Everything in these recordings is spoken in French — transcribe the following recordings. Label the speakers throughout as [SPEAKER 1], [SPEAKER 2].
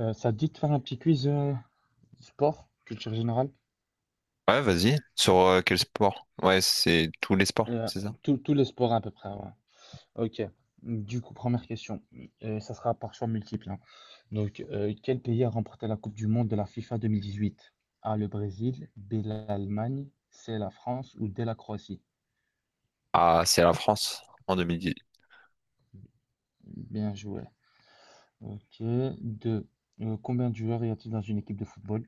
[SPEAKER 1] Ça te dit de faire un petit quiz sport, culture générale?
[SPEAKER 2] Ouais, vas-y. Sur quel sport? Ouais, c'est tous les sports,
[SPEAKER 1] Euh,
[SPEAKER 2] c'est ça?
[SPEAKER 1] Tous les sports à peu près, ouais. Ok. Du coup, première question. Ça sera par choix multiple, hein. Donc, quel pays a remporté la Coupe du Monde de la FIFA 2018? A, le Brésil, B, l'Allemagne, C, la France ou D, la Croatie?
[SPEAKER 2] Ah, c'est la France en 2011.
[SPEAKER 1] Bien joué. Ok. Deux. Combien de joueurs y a-t-il dans une équipe de football?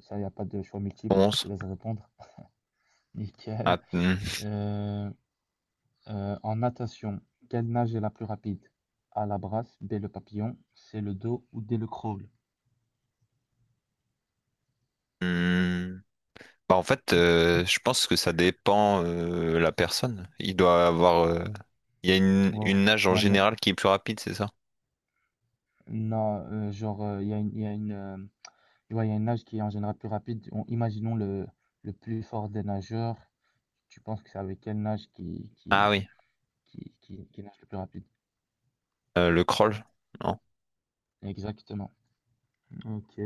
[SPEAKER 1] Ça, il n'y a pas de choix multiple. Je te laisse répondre. Nickel.
[SPEAKER 2] Ah, hmm,
[SPEAKER 1] Euh, En natation, quelle nage est la plus rapide? A la brasse, B le papillon, C le dos ou D le crawl?
[SPEAKER 2] hmm. Bah, en fait, je pense que ça dépend la personne. Il doit avoir. Il y a une,
[SPEAKER 1] Ouais,
[SPEAKER 2] une nage en
[SPEAKER 1] ouais, mais
[SPEAKER 2] général qui est plus rapide, c'est ça?
[SPEAKER 1] non, genre, il y a une, ouais, il y a une nage qui est en général plus rapide. Imaginons le plus fort des nageurs. Tu penses que c'est avec quelle nage qui,
[SPEAKER 2] Ah
[SPEAKER 1] qui,
[SPEAKER 2] oui.
[SPEAKER 1] qui, qui, qui nage le plus rapide?
[SPEAKER 2] Le crawl? Non.
[SPEAKER 1] Exactement. Ok.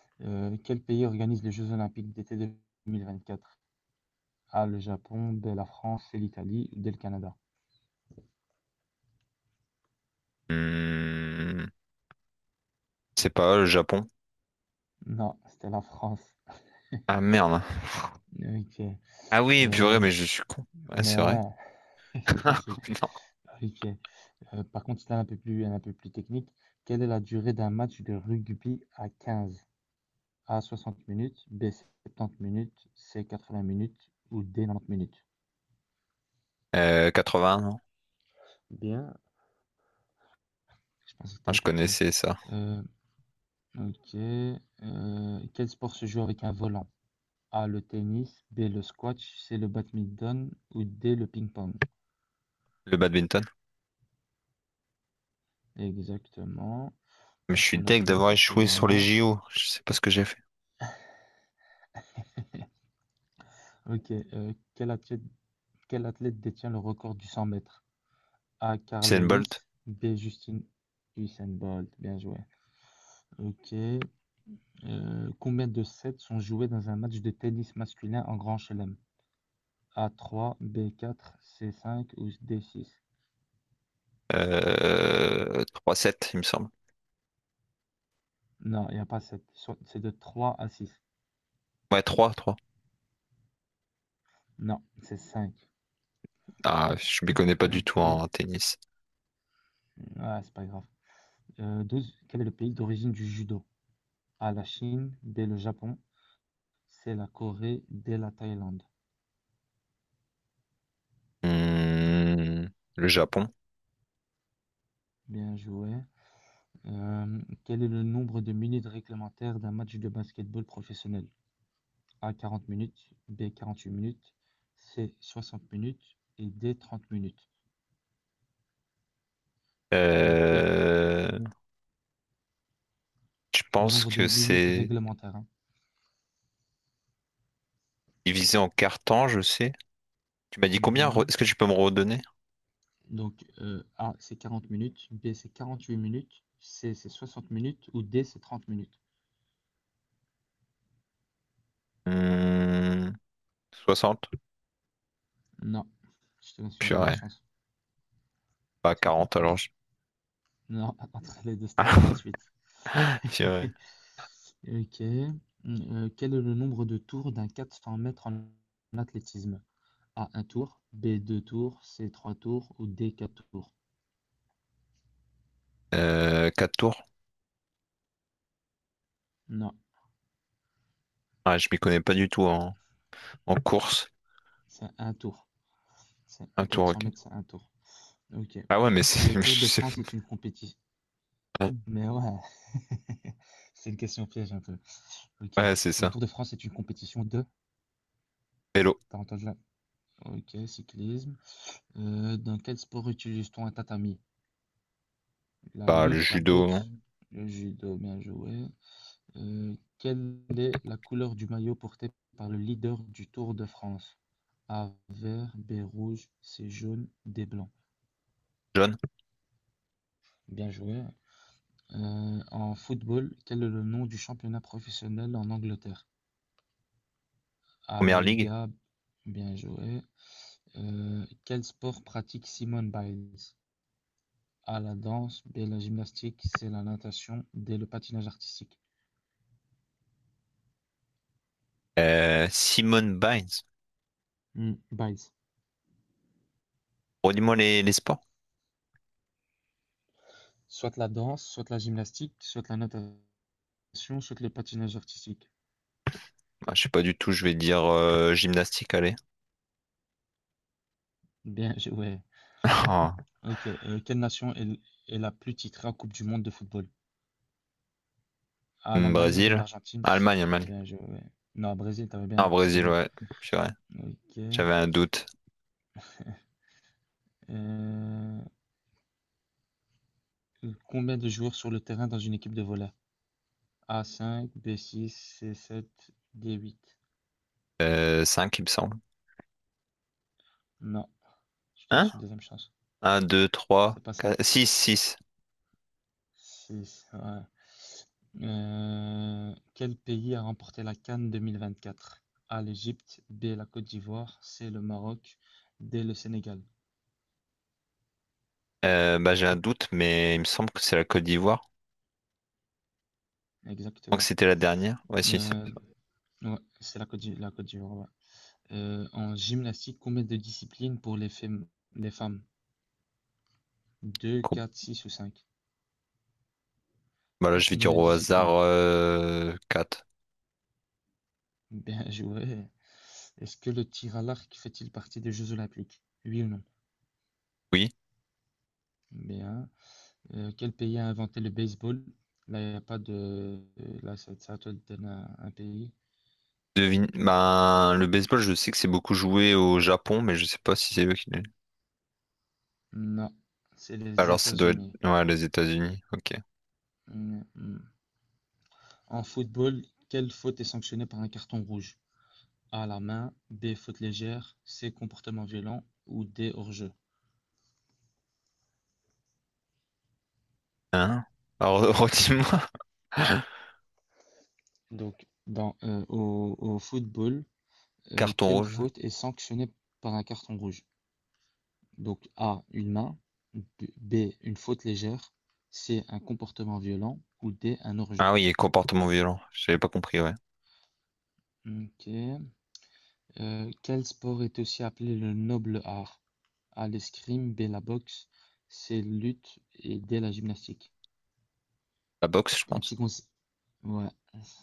[SPEAKER 1] Quel pays organise les Jeux Olympiques d'été 2024? A, le Japon, B, la France, C, l'Italie, ou D, le Canada.
[SPEAKER 2] Hmm, C'est pas le Japon.
[SPEAKER 1] Non, c'était la France.
[SPEAKER 2] Ah merde.
[SPEAKER 1] OK,
[SPEAKER 2] Ah oui, purée,
[SPEAKER 1] hem,
[SPEAKER 2] mais je suis con. Ouais,
[SPEAKER 1] mais
[SPEAKER 2] c'est vrai.
[SPEAKER 1] ouais, c'était facile.
[SPEAKER 2] Non.
[SPEAKER 1] OK, par contre, c'était un peu plus technique. Quelle est la durée d'un match de rugby à 15? A 60 minutes, B 70 minutes, C 80 minutes ou D 90 minutes?
[SPEAKER 2] Vingts non?
[SPEAKER 1] Bien, je pensais que tu
[SPEAKER 2] Ah,
[SPEAKER 1] allais
[SPEAKER 2] je
[SPEAKER 1] pas trouver.
[SPEAKER 2] connaissais ça.
[SPEAKER 1] Heu, OK, quel sport se joue avec un volant? A le tennis, B le squash, C le badminton ou D le ping-pong?
[SPEAKER 2] Le badminton.
[SPEAKER 1] Exactement.
[SPEAKER 2] Mais je
[SPEAKER 1] Du
[SPEAKER 2] suis
[SPEAKER 1] coup, on n'a
[SPEAKER 2] deg
[SPEAKER 1] qu'une
[SPEAKER 2] d'avoir
[SPEAKER 1] faute pour le
[SPEAKER 2] échoué sur les
[SPEAKER 1] moment.
[SPEAKER 2] JO. Je sais pas ce que j'ai fait.
[SPEAKER 1] Ok. Quel athlète détient le record du 100 mètres? A. Carl
[SPEAKER 2] Usain Bolt.
[SPEAKER 1] Lewis. B. Justin Usain Bolt. Bien joué. Ok. Combien de sets sont joués dans un match de tennis masculin en Grand Chelem? A. 3. B. 4. C. 5 ou D. 6?
[SPEAKER 2] 3-7, il me semble.
[SPEAKER 1] Non, il n'y a pas 7. C'est de 3 à 6.
[SPEAKER 2] Ouais, trois.
[SPEAKER 1] Non, c'est 5.
[SPEAKER 2] Ah, je m'y connais pas du tout
[SPEAKER 1] Ok.
[SPEAKER 2] en tennis.
[SPEAKER 1] Ah, c'est pas grave. 12. Quel est le pays d'origine du judo? A. La Chine. B. Le Japon. C. La Corée. D. La Thaïlande.
[SPEAKER 2] Hmm, le Japon.
[SPEAKER 1] Bien joué. Quel est le nombre de minutes réglementaires d'un match de basketball professionnel? A 40 minutes, B 48 minutes, C 60 minutes et D 30 minutes. Donc quel
[SPEAKER 2] Euh, je
[SPEAKER 1] le
[SPEAKER 2] pense
[SPEAKER 1] nombre de
[SPEAKER 2] que
[SPEAKER 1] minutes
[SPEAKER 2] c'est
[SPEAKER 1] réglementaires, hein.
[SPEAKER 2] divisé en quarts temps, je sais. Tu m'as dit combien?
[SPEAKER 1] Mhm.
[SPEAKER 2] Est-ce que tu peux me redonner?
[SPEAKER 1] Donc A c'est 40 minutes, B c'est 48 minutes, C c'est 60 minutes ou D c'est 30 minutes.
[SPEAKER 2] Hmm, 60?
[SPEAKER 1] Non, je te laisse une deuxième
[SPEAKER 2] Purée.
[SPEAKER 1] chance.
[SPEAKER 2] Pas
[SPEAKER 1] C'était
[SPEAKER 2] 40 alors.
[SPEAKER 1] presque. Non, entre les deux c'était 48.
[SPEAKER 2] Ah, purée.
[SPEAKER 1] Ok. Quel est le nombre de tours d'un 400 mètres en athlétisme? A, un tour. B, deux tours. C, trois tours. Ou D, quatre tours.
[SPEAKER 2] Quatre tours?
[SPEAKER 1] Non,
[SPEAKER 2] Ah, je m'y connais pas du tout en course.
[SPEAKER 1] c'est un tour. C'est
[SPEAKER 2] Un
[SPEAKER 1] un
[SPEAKER 2] tour,
[SPEAKER 1] 400
[SPEAKER 2] ok.
[SPEAKER 1] mètres, c'est un tour. Ok.
[SPEAKER 2] Ah ouais, mais
[SPEAKER 1] Le
[SPEAKER 2] c'est. Je
[SPEAKER 1] Tour de
[SPEAKER 2] sais
[SPEAKER 1] France est une compétition.
[SPEAKER 2] pas.
[SPEAKER 1] Mais ouais, c'est une question piège un peu. Ok.
[SPEAKER 2] Ouais, c'est
[SPEAKER 1] Le
[SPEAKER 2] ça.
[SPEAKER 1] Tour de France est une compétition de.
[SPEAKER 2] Hello.
[SPEAKER 1] T'as entendu là? Ok, cyclisme. Dans quel sport utilise-t-on un tatami? La
[SPEAKER 2] Bah, le
[SPEAKER 1] lutte, la
[SPEAKER 2] judo.
[SPEAKER 1] boxe, le judo, bien joué. Quelle est la couleur du maillot porté par le leader du Tour de France? A vert, B rouge, C jaune, D blanc.
[SPEAKER 2] John.
[SPEAKER 1] Bien joué. En football, quel est le nom du championnat professionnel en Angleterre? A la
[SPEAKER 2] Première ligue.
[SPEAKER 1] Liga, bien joué. Quel sport pratique Simone Biles? A la danse, B la gymnastique, C la natation, D le patinage artistique.
[SPEAKER 2] Simone Biles.
[SPEAKER 1] Hmm, Biles.
[SPEAKER 2] Redis-moi les sports.
[SPEAKER 1] Soit la danse, soit la gymnastique, soit la natation, soit le patinage artistique.
[SPEAKER 2] Ah, je sais pas du tout, je vais dire gymnastique, allez.
[SPEAKER 1] Ouais.
[SPEAKER 2] Ah,
[SPEAKER 1] Ok. Quelle nation est, l- Est la plus titrée en Coupe du Monde de football? Ah, l'Allemagne, bien
[SPEAKER 2] Brésil.
[SPEAKER 1] l'Argentine.
[SPEAKER 2] Allemagne, Allemagne.
[SPEAKER 1] Bien, je, ouais. Non, Brésil, t'avais
[SPEAKER 2] Ah,
[SPEAKER 1] bien, c'était
[SPEAKER 2] Brésil,
[SPEAKER 1] bien.
[SPEAKER 2] ouais. Purée.
[SPEAKER 1] Ok.
[SPEAKER 2] J'avais un doute.
[SPEAKER 1] Euh, Combien de joueurs sur le terrain dans une équipe de volley? A cinq, b six, c sept, d huit.
[SPEAKER 2] 5, il me semble.
[SPEAKER 1] Non. Je te
[SPEAKER 2] un,
[SPEAKER 1] laisse une deuxième chance.
[SPEAKER 2] un 2 3,
[SPEAKER 1] C'est pas 5.
[SPEAKER 2] 4, 6 6.
[SPEAKER 1] 6, ouais. Quel pays a remporté la CAN 2024? A, l'Égypte, B, la Côte d'Ivoire, C, le Maroc, D, le Sénégal.
[SPEAKER 2] Bah, j'ai un doute, mais il me semble que c'est la Côte d'Ivoire. Donc
[SPEAKER 1] Exactement.
[SPEAKER 2] c'était la dernière. Ouais, si, c'est
[SPEAKER 1] Euh,
[SPEAKER 2] ça.
[SPEAKER 1] ouais, c'est la la Côte d'Ivoire, ouais. En gymnastique, combien de disciplines pour les les femmes? 2,
[SPEAKER 2] Coupe.
[SPEAKER 1] 4, 6 ou cinq?
[SPEAKER 2] Bah là, je vais
[SPEAKER 1] Combien
[SPEAKER 2] dire
[SPEAKER 1] de
[SPEAKER 2] au hasard
[SPEAKER 1] disciplines?
[SPEAKER 2] 4.
[SPEAKER 1] Bien joué. Est-ce que le tir à l'arc fait-il partie des Jeux Olympiques? Oui ou non?
[SPEAKER 2] Oui.
[SPEAKER 1] Bien. Quel pays a inventé le baseball? Là, il n'y a pas de. Là, ça, c'est à toi de donner un pays.
[SPEAKER 2] Devine. Bah, le baseball, je sais que c'est beaucoup joué au Japon, mais je sais pas si c'est eux qui.
[SPEAKER 1] Non, c'est les
[SPEAKER 2] Alors ça doit être
[SPEAKER 1] États-Unis.
[SPEAKER 2] ouais, les États-Unis. Ok.
[SPEAKER 1] Mm, mm. En football, quelle faute est sanctionnée par un carton rouge? A, la main, B, faute légère, C, comportement violent ou D, hors-jeu.
[SPEAKER 2] Hein? Alors redis-moi.
[SPEAKER 1] Dans, au football,
[SPEAKER 2] Carton
[SPEAKER 1] quelle
[SPEAKER 2] rouge.
[SPEAKER 1] faute est sanctionnée par un carton rouge? Donc A, une main, B, B, une faute légère, C, un comportement violent ou D, un hors-jeu.
[SPEAKER 2] Ah oui, et comportement violent. J'avais pas compris, ouais.
[SPEAKER 1] Ok. Quel sport est aussi appelé le noble art? A l'escrime, B la boxe, C lutte et D la gymnastique.
[SPEAKER 2] La boxe, je
[SPEAKER 1] Un
[SPEAKER 2] pense.
[SPEAKER 1] petit conseil. Ouais,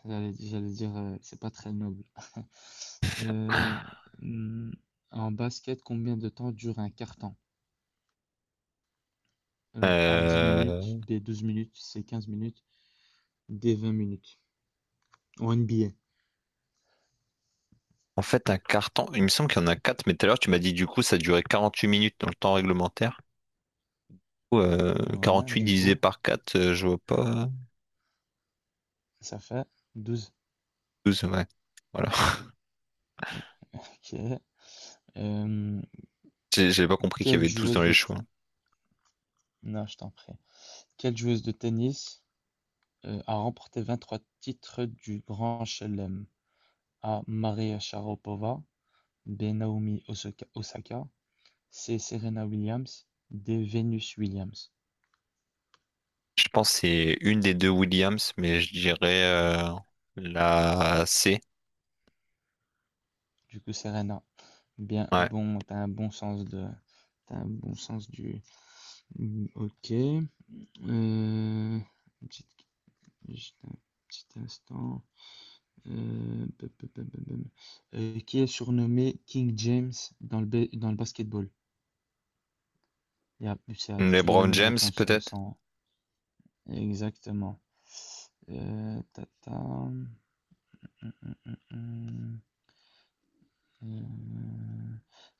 [SPEAKER 1] j'allais dire, c'est pas très noble. Euh, hmm, En basket, combien de temps dure un carton? A 10 minutes,
[SPEAKER 2] Euh,
[SPEAKER 1] B 12 minutes, C 15 minutes, D 20 minutes. En NBA.
[SPEAKER 2] En fait, un carton. Il me semble qu'il y en a 4 mais tout à l'heure, tu m'as dit du coup, ça durait 48 minutes dans le temps réglementaire. Euh,
[SPEAKER 1] Ouais,
[SPEAKER 2] 48
[SPEAKER 1] du
[SPEAKER 2] divisé
[SPEAKER 1] coup,
[SPEAKER 2] par 4, je vois pas.
[SPEAKER 1] ça fait 12.
[SPEAKER 2] 12, ouais. Voilà.
[SPEAKER 1] Ok. Euh,
[SPEAKER 2] J'avais pas compris qu'il y
[SPEAKER 1] quelle
[SPEAKER 2] avait 12 dans
[SPEAKER 1] joueuse de...
[SPEAKER 2] les
[SPEAKER 1] t-
[SPEAKER 2] choix.
[SPEAKER 1] Non, je t'en prie. Quelle joueuse de tennis a remporté 23 titres du Grand Chelem? A. Maria Sharapova, B. Naomi Osaka, C. Serena Williams, D. Venus Williams.
[SPEAKER 2] Je pense que c'est une des deux Williams, mais je dirais la C.
[SPEAKER 1] Du coup, Serena, bien
[SPEAKER 2] Ouais.
[SPEAKER 1] bon, t'as un bon sens du. Hmm, Ok. Une petite- juste un petit instant. Pam, pam, pam, pam, pam. Qui est surnommé King James dans le, dans le basketball? Il y a plus à- Tu dois
[SPEAKER 2] LeBron
[SPEAKER 1] donner une
[SPEAKER 2] James,
[SPEAKER 1] réponse
[SPEAKER 2] peut-être?
[SPEAKER 1] sans. Exactement. Tata. Hum, hum, hum. Euh,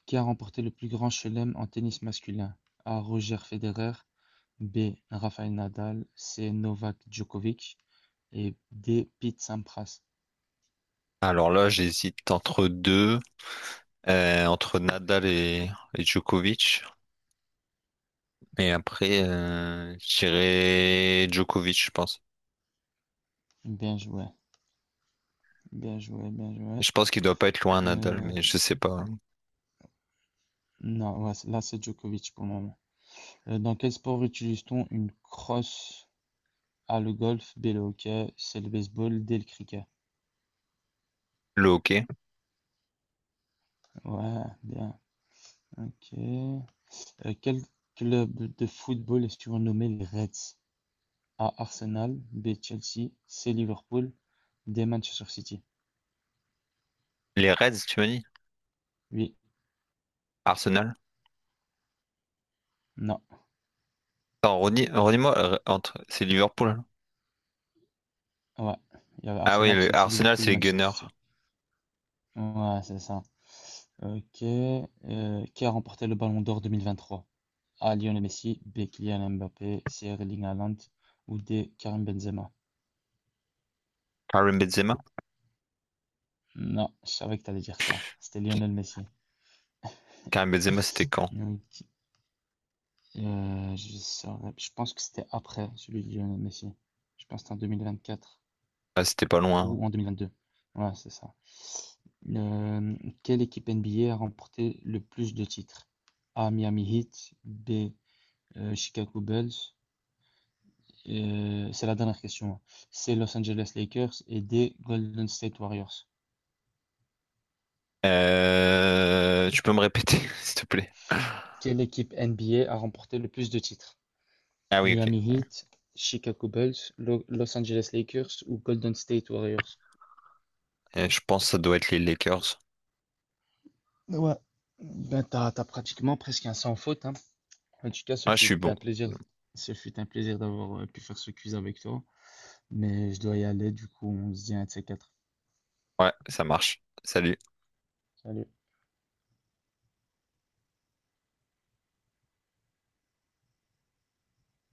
[SPEAKER 1] Qui a remporté le plus grand chelem en tennis masculin? A. Roger Federer. B. Rafael Nadal. C. Novak Djokovic. Et D. Pete Sampras.
[SPEAKER 2] Alors là, j'hésite entre deux, entre Nadal et Djokovic. Et après, je dirais Djokovic, je pense.
[SPEAKER 1] Bien joué, Bien joué.
[SPEAKER 2] Je pense qu'il doit pas être loin, Nadal,
[SPEAKER 1] Euh,
[SPEAKER 2] mais je sais pas.
[SPEAKER 1] non, Ouais, là c'est Djokovic pour le moment. Dans quel sport utilise-t-on une crosse? Ah, le golf, B, le hockey, c'est le baseball, D, le cricket.
[SPEAKER 2] Le hockey.
[SPEAKER 1] Ouais, bien, ok. Quel club de football est surnommé les Reds? A, Arsenal, B, Chelsea, C, Liverpool, D, Manchester City.
[SPEAKER 2] Les Reds, tu m'as dit?
[SPEAKER 1] Oui,
[SPEAKER 2] Arsenal?
[SPEAKER 1] non,
[SPEAKER 2] Attends, redis- moi entre... C'est Liverpool, hein.
[SPEAKER 1] ouais. Il y avait
[SPEAKER 2] Ah oui,
[SPEAKER 1] Arsenal, Chelsea,
[SPEAKER 2] Arsenal,
[SPEAKER 1] Liverpool
[SPEAKER 2] c'est
[SPEAKER 1] ou
[SPEAKER 2] les
[SPEAKER 1] Manchester
[SPEAKER 2] Gunners.
[SPEAKER 1] City. Ouais, c'est ça. Ok. Qui a remporté le Ballon d'Or 2023? A, Lionel Messi, B, Kylian Mbappé, C, Erling Haaland ou D, Karim Benzema.
[SPEAKER 2] Karim Benzema?
[SPEAKER 1] Non, je savais que t'allais dire ça. C'était Lionel Messi.
[SPEAKER 2] Karim Benzema, c'était quand?
[SPEAKER 1] Donc, je pense que c'était après celui de Lionel Messi. Je pense que c'était en 2024
[SPEAKER 2] Ah, c'était pas loin, hein.
[SPEAKER 1] ou en 2022. Ouais, c'est ça. Euh, quelle équipe NBA a remporté le plus de titres? A. Miami Heat. B. Chicago Bulls. C'est la dernière question, hein. C. Los Angeles Lakers. Et D. Golden State Warriors.
[SPEAKER 2] Tu peux me répéter, s'il te plaît?
[SPEAKER 1] Quelle équipe NBA a remporté le plus de titres?
[SPEAKER 2] Ah oui, ok,
[SPEAKER 1] Miami
[SPEAKER 2] ouais.
[SPEAKER 1] Heat, Chicago Bulls, Los Angeles Lakers ou Golden State Warriors.
[SPEAKER 2] Je pense que ça doit être les Lakers.
[SPEAKER 1] Ouais, ben t'as pratiquement presque un sans faute, hein. En tout cas,
[SPEAKER 2] Ah, je suis bon.
[SPEAKER 1] ce fut un plaisir d'avoir pu faire ce quiz avec toi. Mais je dois y aller, du coup, on se dit un de ces quatre.
[SPEAKER 2] Ouais, ça marche. Salut.
[SPEAKER 1] Salut.